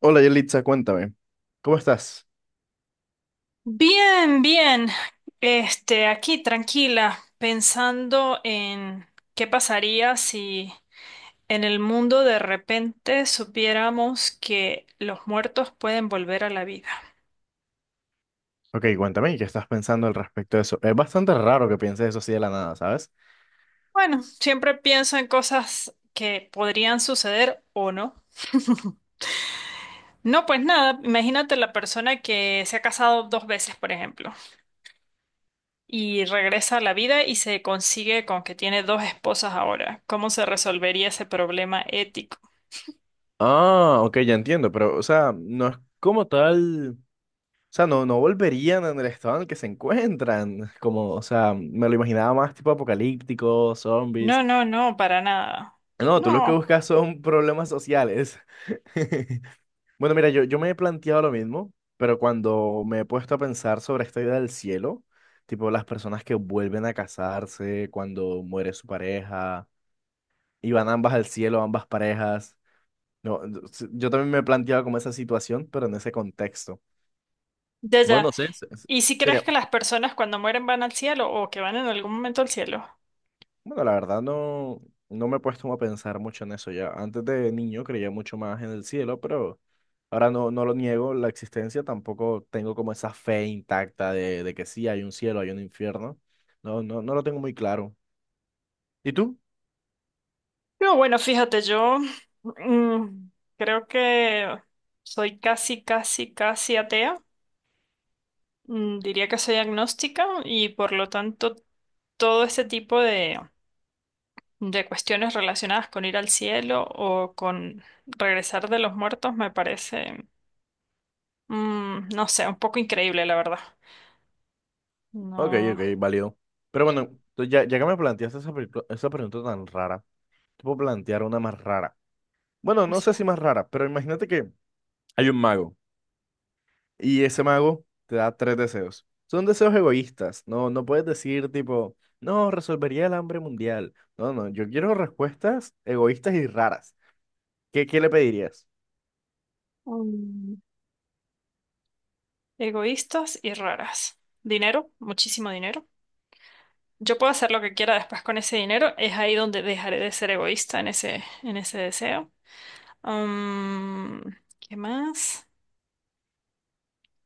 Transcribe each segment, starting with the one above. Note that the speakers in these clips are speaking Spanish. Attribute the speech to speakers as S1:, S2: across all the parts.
S1: Hola Yelitza, cuéntame, ¿cómo estás?
S2: Bien, bien. Aquí tranquila, pensando en qué pasaría si en el mundo de repente supiéramos que los muertos pueden volver a la vida.
S1: Ok, cuéntame, ¿qué estás pensando al respecto de eso? Es bastante raro que pienses eso así de la nada, ¿sabes?
S2: Bueno, siempre pienso en cosas que podrían suceder o no. No, pues nada, imagínate la persona que se ha casado dos veces, por ejemplo, y regresa a la vida y se consigue con que tiene dos esposas ahora. ¿Cómo se resolvería ese problema ético?
S1: Ah, ok, ya entiendo, pero, o sea, no es como tal, o sea, no volverían en el estado en el que se encuentran, como, o sea, me lo imaginaba más tipo apocalíptico, zombies.
S2: No, no, no, para nada.
S1: No, tú lo que
S2: No,
S1: buscas son problemas sociales. Bueno, mira, yo me he planteado lo mismo, pero cuando me he puesto a pensar sobre esta idea del cielo, tipo las personas que vuelven a casarse cuando muere su pareja y van ambas al cielo, ambas parejas. No, no, yo también me he planteado como esa situación, pero en ese contexto.
S2: ya,
S1: Bueno,
S2: ya.
S1: no sé,
S2: ¿Y si crees
S1: sería.
S2: que las personas cuando mueren van al cielo o que van en algún momento al cielo?
S1: Bueno, la verdad no, no me he puesto a pensar mucho en eso ya. Antes de niño creía mucho más en el cielo, pero ahora no, no lo niego la existencia, tampoco tengo como esa fe intacta de que sí hay un cielo, hay un infierno. No, no, no lo tengo muy claro. ¿Y tú?
S2: No, bueno, fíjate, yo mm, creo que soy casi, casi, casi atea. Diría que soy agnóstica y por lo tanto todo ese tipo de cuestiones relacionadas con ir al cielo o con regresar de los muertos me parece, no sé, un poco increíble, la verdad.
S1: Ok,
S2: No.
S1: ok, válido. Pero bueno, entonces ya, ya que me planteaste esa, esa pregunta tan rara, te puedo plantear una más rara. Bueno, no sé si más rara, pero imagínate que hay un mago. Y ese mago te da tres deseos. Son deseos egoístas. No, no puedes decir tipo, no, resolvería el hambre mundial. No, no, yo quiero respuestas egoístas y raras. ¿Qué le pedirías?
S2: Mm. Egoístas y raras. Dinero, muchísimo dinero. Yo puedo hacer lo que quiera después con ese dinero. Es ahí donde dejaré de ser egoísta en ese deseo. Mm, ¿Qué más?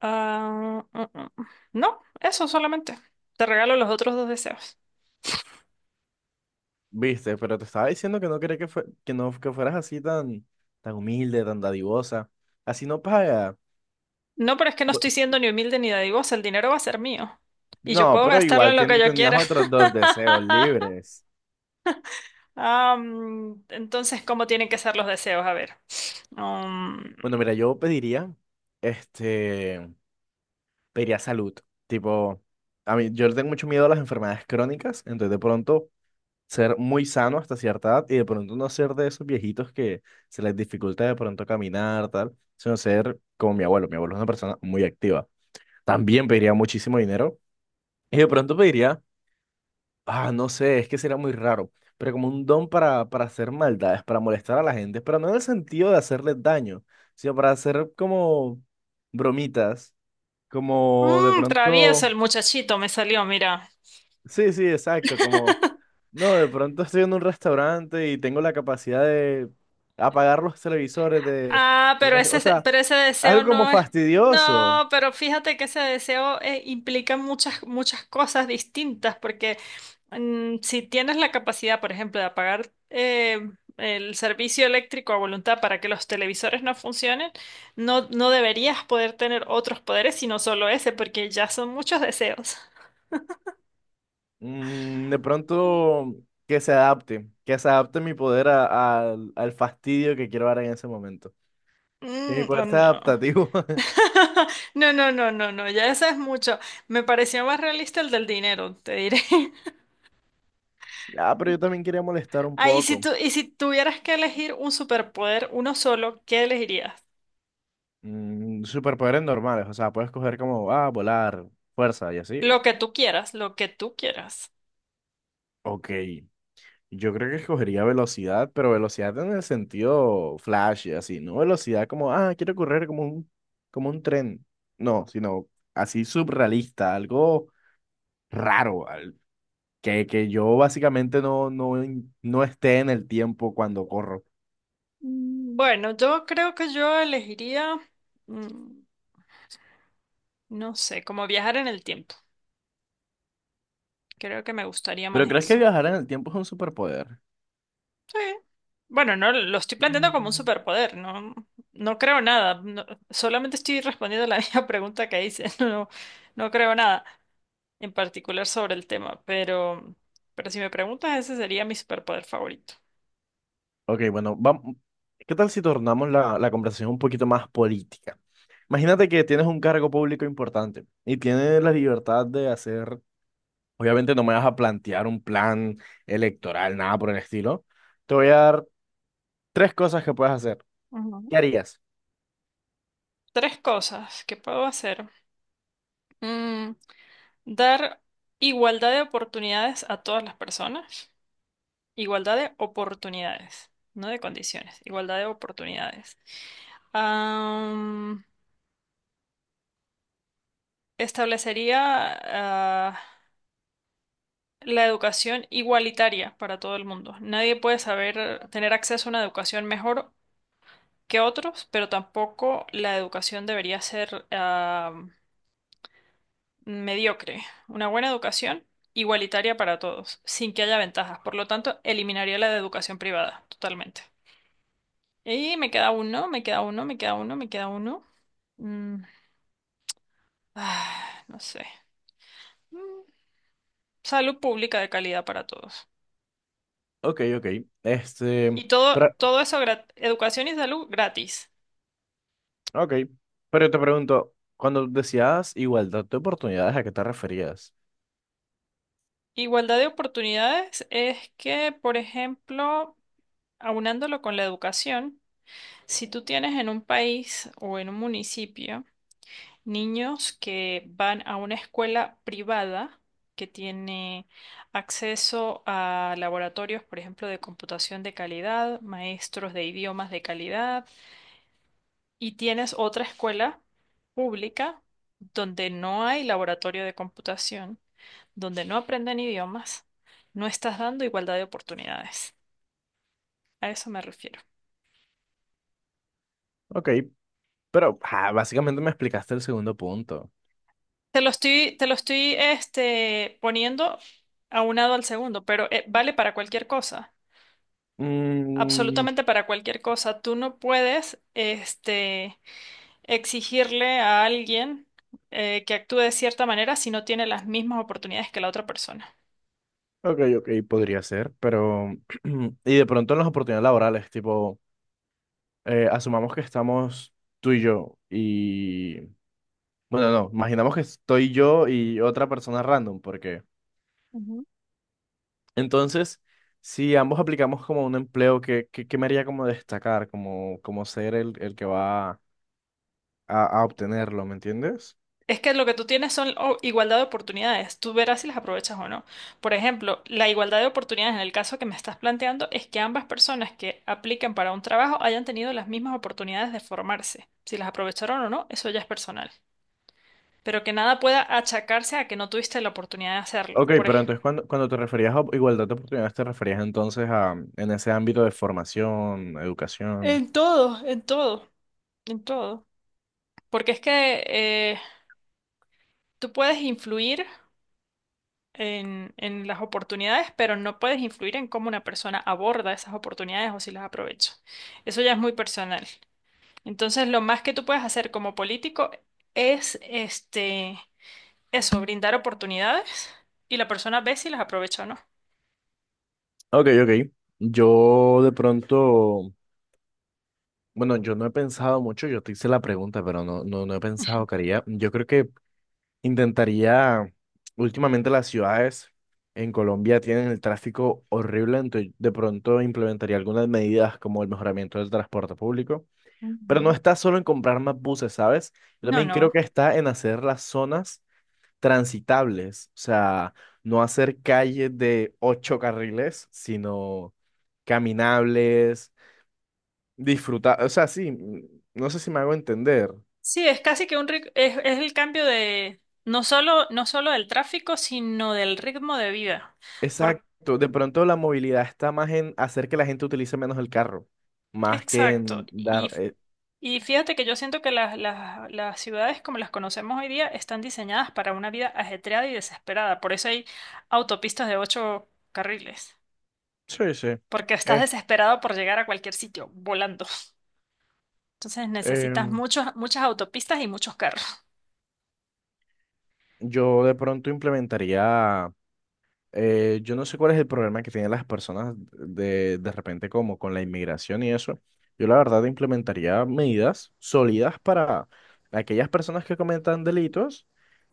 S2: Ah, no, eso solamente. Te regalo los otros dos deseos.
S1: Viste, pero te estaba diciendo que no quería que, que no que fueras así tan, tan humilde, tan dadivosa. Así no paga.
S2: No, pero es que no
S1: Bu-
S2: estoy siendo ni humilde ni dadivosa. El dinero va a ser mío. Y yo
S1: No,
S2: puedo
S1: pero
S2: gastarlo
S1: igual
S2: en lo que yo
S1: tenías
S2: quiera.
S1: otros dos deseos libres.
S2: Ah, entonces, ¿cómo tienen que ser los deseos? A ver. Um,
S1: Bueno, mira, yo pediría, este, pediría salud. Tipo, a mí, yo le tengo mucho miedo a las enfermedades crónicas, entonces de pronto ser muy sano hasta cierta edad y de pronto no ser de esos viejitos que se les dificulta de pronto caminar, tal, sino ser como mi abuelo. Mi abuelo es una persona muy activa. También pediría muchísimo dinero y de pronto pediría, ah, no sé, es que sería muy raro, pero como un don para hacer maldades, para molestar a la gente, pero no en el sentido de hacerles daño, sino para hacer como bromitas, como de
S2: Travieso
S1: pronto...
S2: el muchachito me salió, mira.
S1: Sí, sí, exacto, como, no, de pronto estoy en un restaurante y tengo la capacidad de apagar los televisores de,
S2: Ah, pero
S1: o
S2: ese,
S1: sea,
S2: pero ese deseo
S1: algo como
S2: no es...
S1: fastidioso.
S2: No, pero fíjate que ese deseo implica muchas, muchas cosas distintas, porque si tienes la capacidad, por ejemplo, de apagar el servicio eléctrico a voluntad para que los televisores no funcionen, no, no deberías poder tener otros poderes, sino solo ese, porque ya son muchos deseos.
S1: Mm, de pronto que se adapte mi poder al fastidio que quiero dar en ese momento, que mi
S2: O
S1: poder sea
S2: no.
S1: adaptativo.
S2: No, no, no, no, no, ya eso es mucho. Me pareció más realista el del dinero, te diré.
S1: Ah, pero yo también quería molestar un
S2: Ah, y
S1: poco.
S2: y si tuvieras que elegir un superpoder, uno solo, ¿qué elegirías?
S1: Mm, superpoderes normales, o sea, puedes coger como, ah, volar, fuerza y así.
S2: Lo que tú quieras, lo que tú quieras.
S1: Ok. Yo creo que escogería velocidad, pero velocidad en el sentido flash, así, no velocidad como, ah, quiero correr como un tren. No, sino así surrealista, algo raro, que yo básicamente no esté en el tiempo cuando corro.
S2: Bueno, yo creo que yo elegiría, mm, no sé, como viajar en el tiempo. Creo que me gustaría más
S1: ¿Pero crees que
S2: eso.
S1: viajar en el tiempo es un superpoder?
S2: Sí. Bueno, no lo estoy planteando como un
S1: Mm.
S2: superpoder, no, no creo nada. Solamente estoy respondiendo la misma pregunta que hice. No, no creo nada en particular sobre el tema, pero si me preguntas, ese sería mi superpoder favorito.
S1: Ok, bueno, vamos. ¿Qué tal si tornamos la conversación un poquito más política? Imagínate que tienes un cargo público importante y tienes la libertad de hacer. Obviamente no me vas a plantear un plan electoral, nada por el estilo. Te voy a dar tres cosas que puedes hacer.
S2: Ujú.
S1: ¿Qué harías?
S2: Tres cosas que puedo hacer. Mm, Dar igualdad de oportunidades a todas las personas. Igualdad de oportunidades, no de condiciones. Igualdad de oportunidades. Am, Establecería, ah, la educación igualitaria para todo el mundo. Nadie puede saber tener acceso a una educación mejor que otros, pero tampoco la educación debería ser mediocre. Una buena educación igualitaria para todos, sin que haya ventajas. Por lo tanto, eliminaría la de educación privada, totalmente. Y me queda uno, me queda uno, me queda uno, me queda uno. Mm, no sé. Mm, Salud pública de calidad para todos.
S1: Ok, ok. Este,
S2: Y todo,
S1: pero,
S2: todo eso, educación y salud gratis.
S1: ok. Pero te pregunto, cuando decías igualdad de oportunidades, ¿a qué te referías?
S2: Igualdad de oportunidades es que, por ejemplo, aunándolo con la educación, si tú tienes en un país o en un municipio niños que van a una escuela privada que tiene acceso a laboratorios, por ejemplo, de computación de calidad, maestros de idiomas de calidad, y tienes otra escuela pública donde no hay laboratorio de computación, donde no aprenden idiomas, no estás dando igualdad de oportunidades. A eso me refiero.
S1: Ok, pero ah, básicamente me explicaste el segundo punto.
S2: Te lo estoy poniendo aunado al segundo, pero vale para cualquier cosa,
S1: Mm,
S2: absolutamente para cualquier cosa. Tú no puedes exigirle a alguien que actúe de cierta manera si no tiene las mismas oportunidades que la otra persona.
S1: ok, ok, podría ser, pero... Y de pronto en las oportunidades laborales, tipo, asumamos que estamos tú y yo y. Bueno, no, no, imaginamos que estoy yo y otra persona random, porque
S2: Ujú.
S1: entonces, si ambos aplicamos como un empleo, ¿qué me haría como destacar, como, como ser el que va a obtenerlo, ¿me entiendes?
S2: Es que lo que tú tienes son igualdad de oportunidades. Tú verás si las aprovechas o no. Por ejemplo, la igualdad de oportunidades en el caso que me estás planteando es que ambas personas que apliquen para un trabajo hayan tenido las mismas oportunidades de formarse. Si las aprovecharon o no, eso ya es personal. Pero que nada pueda achacarse a que no tuviste la oportunidad de hacerlo.
S1: Ok,
S2: Por
S1: pero
S2: ejemplo.
S1: entonces cuando, cuando te referías a igualdad de oportunidades, te referías entonces a en ese ámbito de formación, educación.
S2: En todo, en todo, en todo. Porque es que tú puedes influir en las oportunidades, pero no puedes influir en cómo una persona aborda esas oportunidades o si las aprovecha. Eso ya es muy personal. Entonces, lo más que tú puedes hacer como político es eso, brindar oportunidades y la persona ve si las aprovecha o no.
S1: Ok, ok. Yo de pronto, bueno, yo no he pensado mucho, yo te hice la pregunta, pero no, no, no he pensado, Caría. Yo creo que intentaría, últimamente las ciudades en Colombia tienen el tráfico horrible, entonces de pronto implementaría algunas medidas como el mejoramiento del transporte público, pero no
S2: Ujú.
S1: está solo en comprar más buses, ¿sabes? Yo
S2: No,
S1: también creo
S2: no.
S1: que está en hacer las zonas transitables, o sea, no hacer calles de ocho carriles, sino caminables, disfrutar, o sea, sí, mm, no sé si me hago entender.
S2: Sí, es casi que un es el cambio de no solo del tráfico, sino del ritmo de vida.
S1: Exacto, de pronto la movilidad está más en hacer que la gente utilice menos el carro, más que
S2: Exacto.
S1: en
S2: Y,
S1: dar...
S2: y fíjate que yo siento que las ciudades como las conocemos hoy día están diseñadas para una vida ajetreada y desesperada. Por eso hay autopistas de ocho carriles.
S1: sí, sí.
S2: Porque estás
S1: Eh,
S2: desesperado por llegar a cualquier sitio, volando. Entonces necesitas
S1: em,
S2: muchas autopistas y muchos carros.
S1: yo de pronto implementaría. Yo no sé cuál es el problema que tienen las personas de repente como con la inmigración y eso. Yo la verdad implementaría medidas sólidas para aquellas personas que cometan delitos,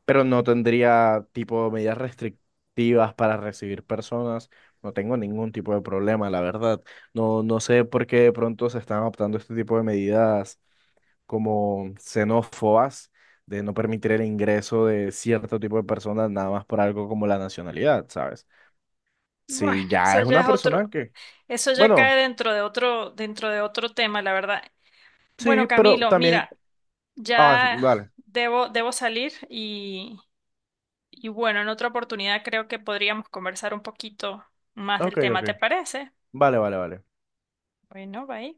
S1: pero no tendría tipo medidas restrictivas para recibir personas. No tengo ningún tipo de problema, la verdad. No, no sé por qué de pronto se están adoptando este tipo de medidas como xenófobas de no permitir el ingreso de cierto tipo de personas nada más por algo como la nacionalidad, ¿sabes?
S2: Bueno,
S1: Sí, ya
S2: eso
S1: es
S2: ya
S1: una
S2: es
S1: persona
S2: otro,
S1: que.
S2: eso ya cae
S1: Bueno,
S2: dentro de otro tema, la verdad.
S1: sí,
S2: Bueno,
S1: pero
S2: Camilo,
S1: también.
S2: mira,
S1: Ah,
S2: ya
S1: vale.
S2: debo salir. Y bueno, en otra oportunidad creo que podríamos conversar un poquito más
S1: Ok,
S2: del tema,
S1: ok.
S2: ¿te parece?
S1: Vale, vale, vale.
S2: Bueno, bye.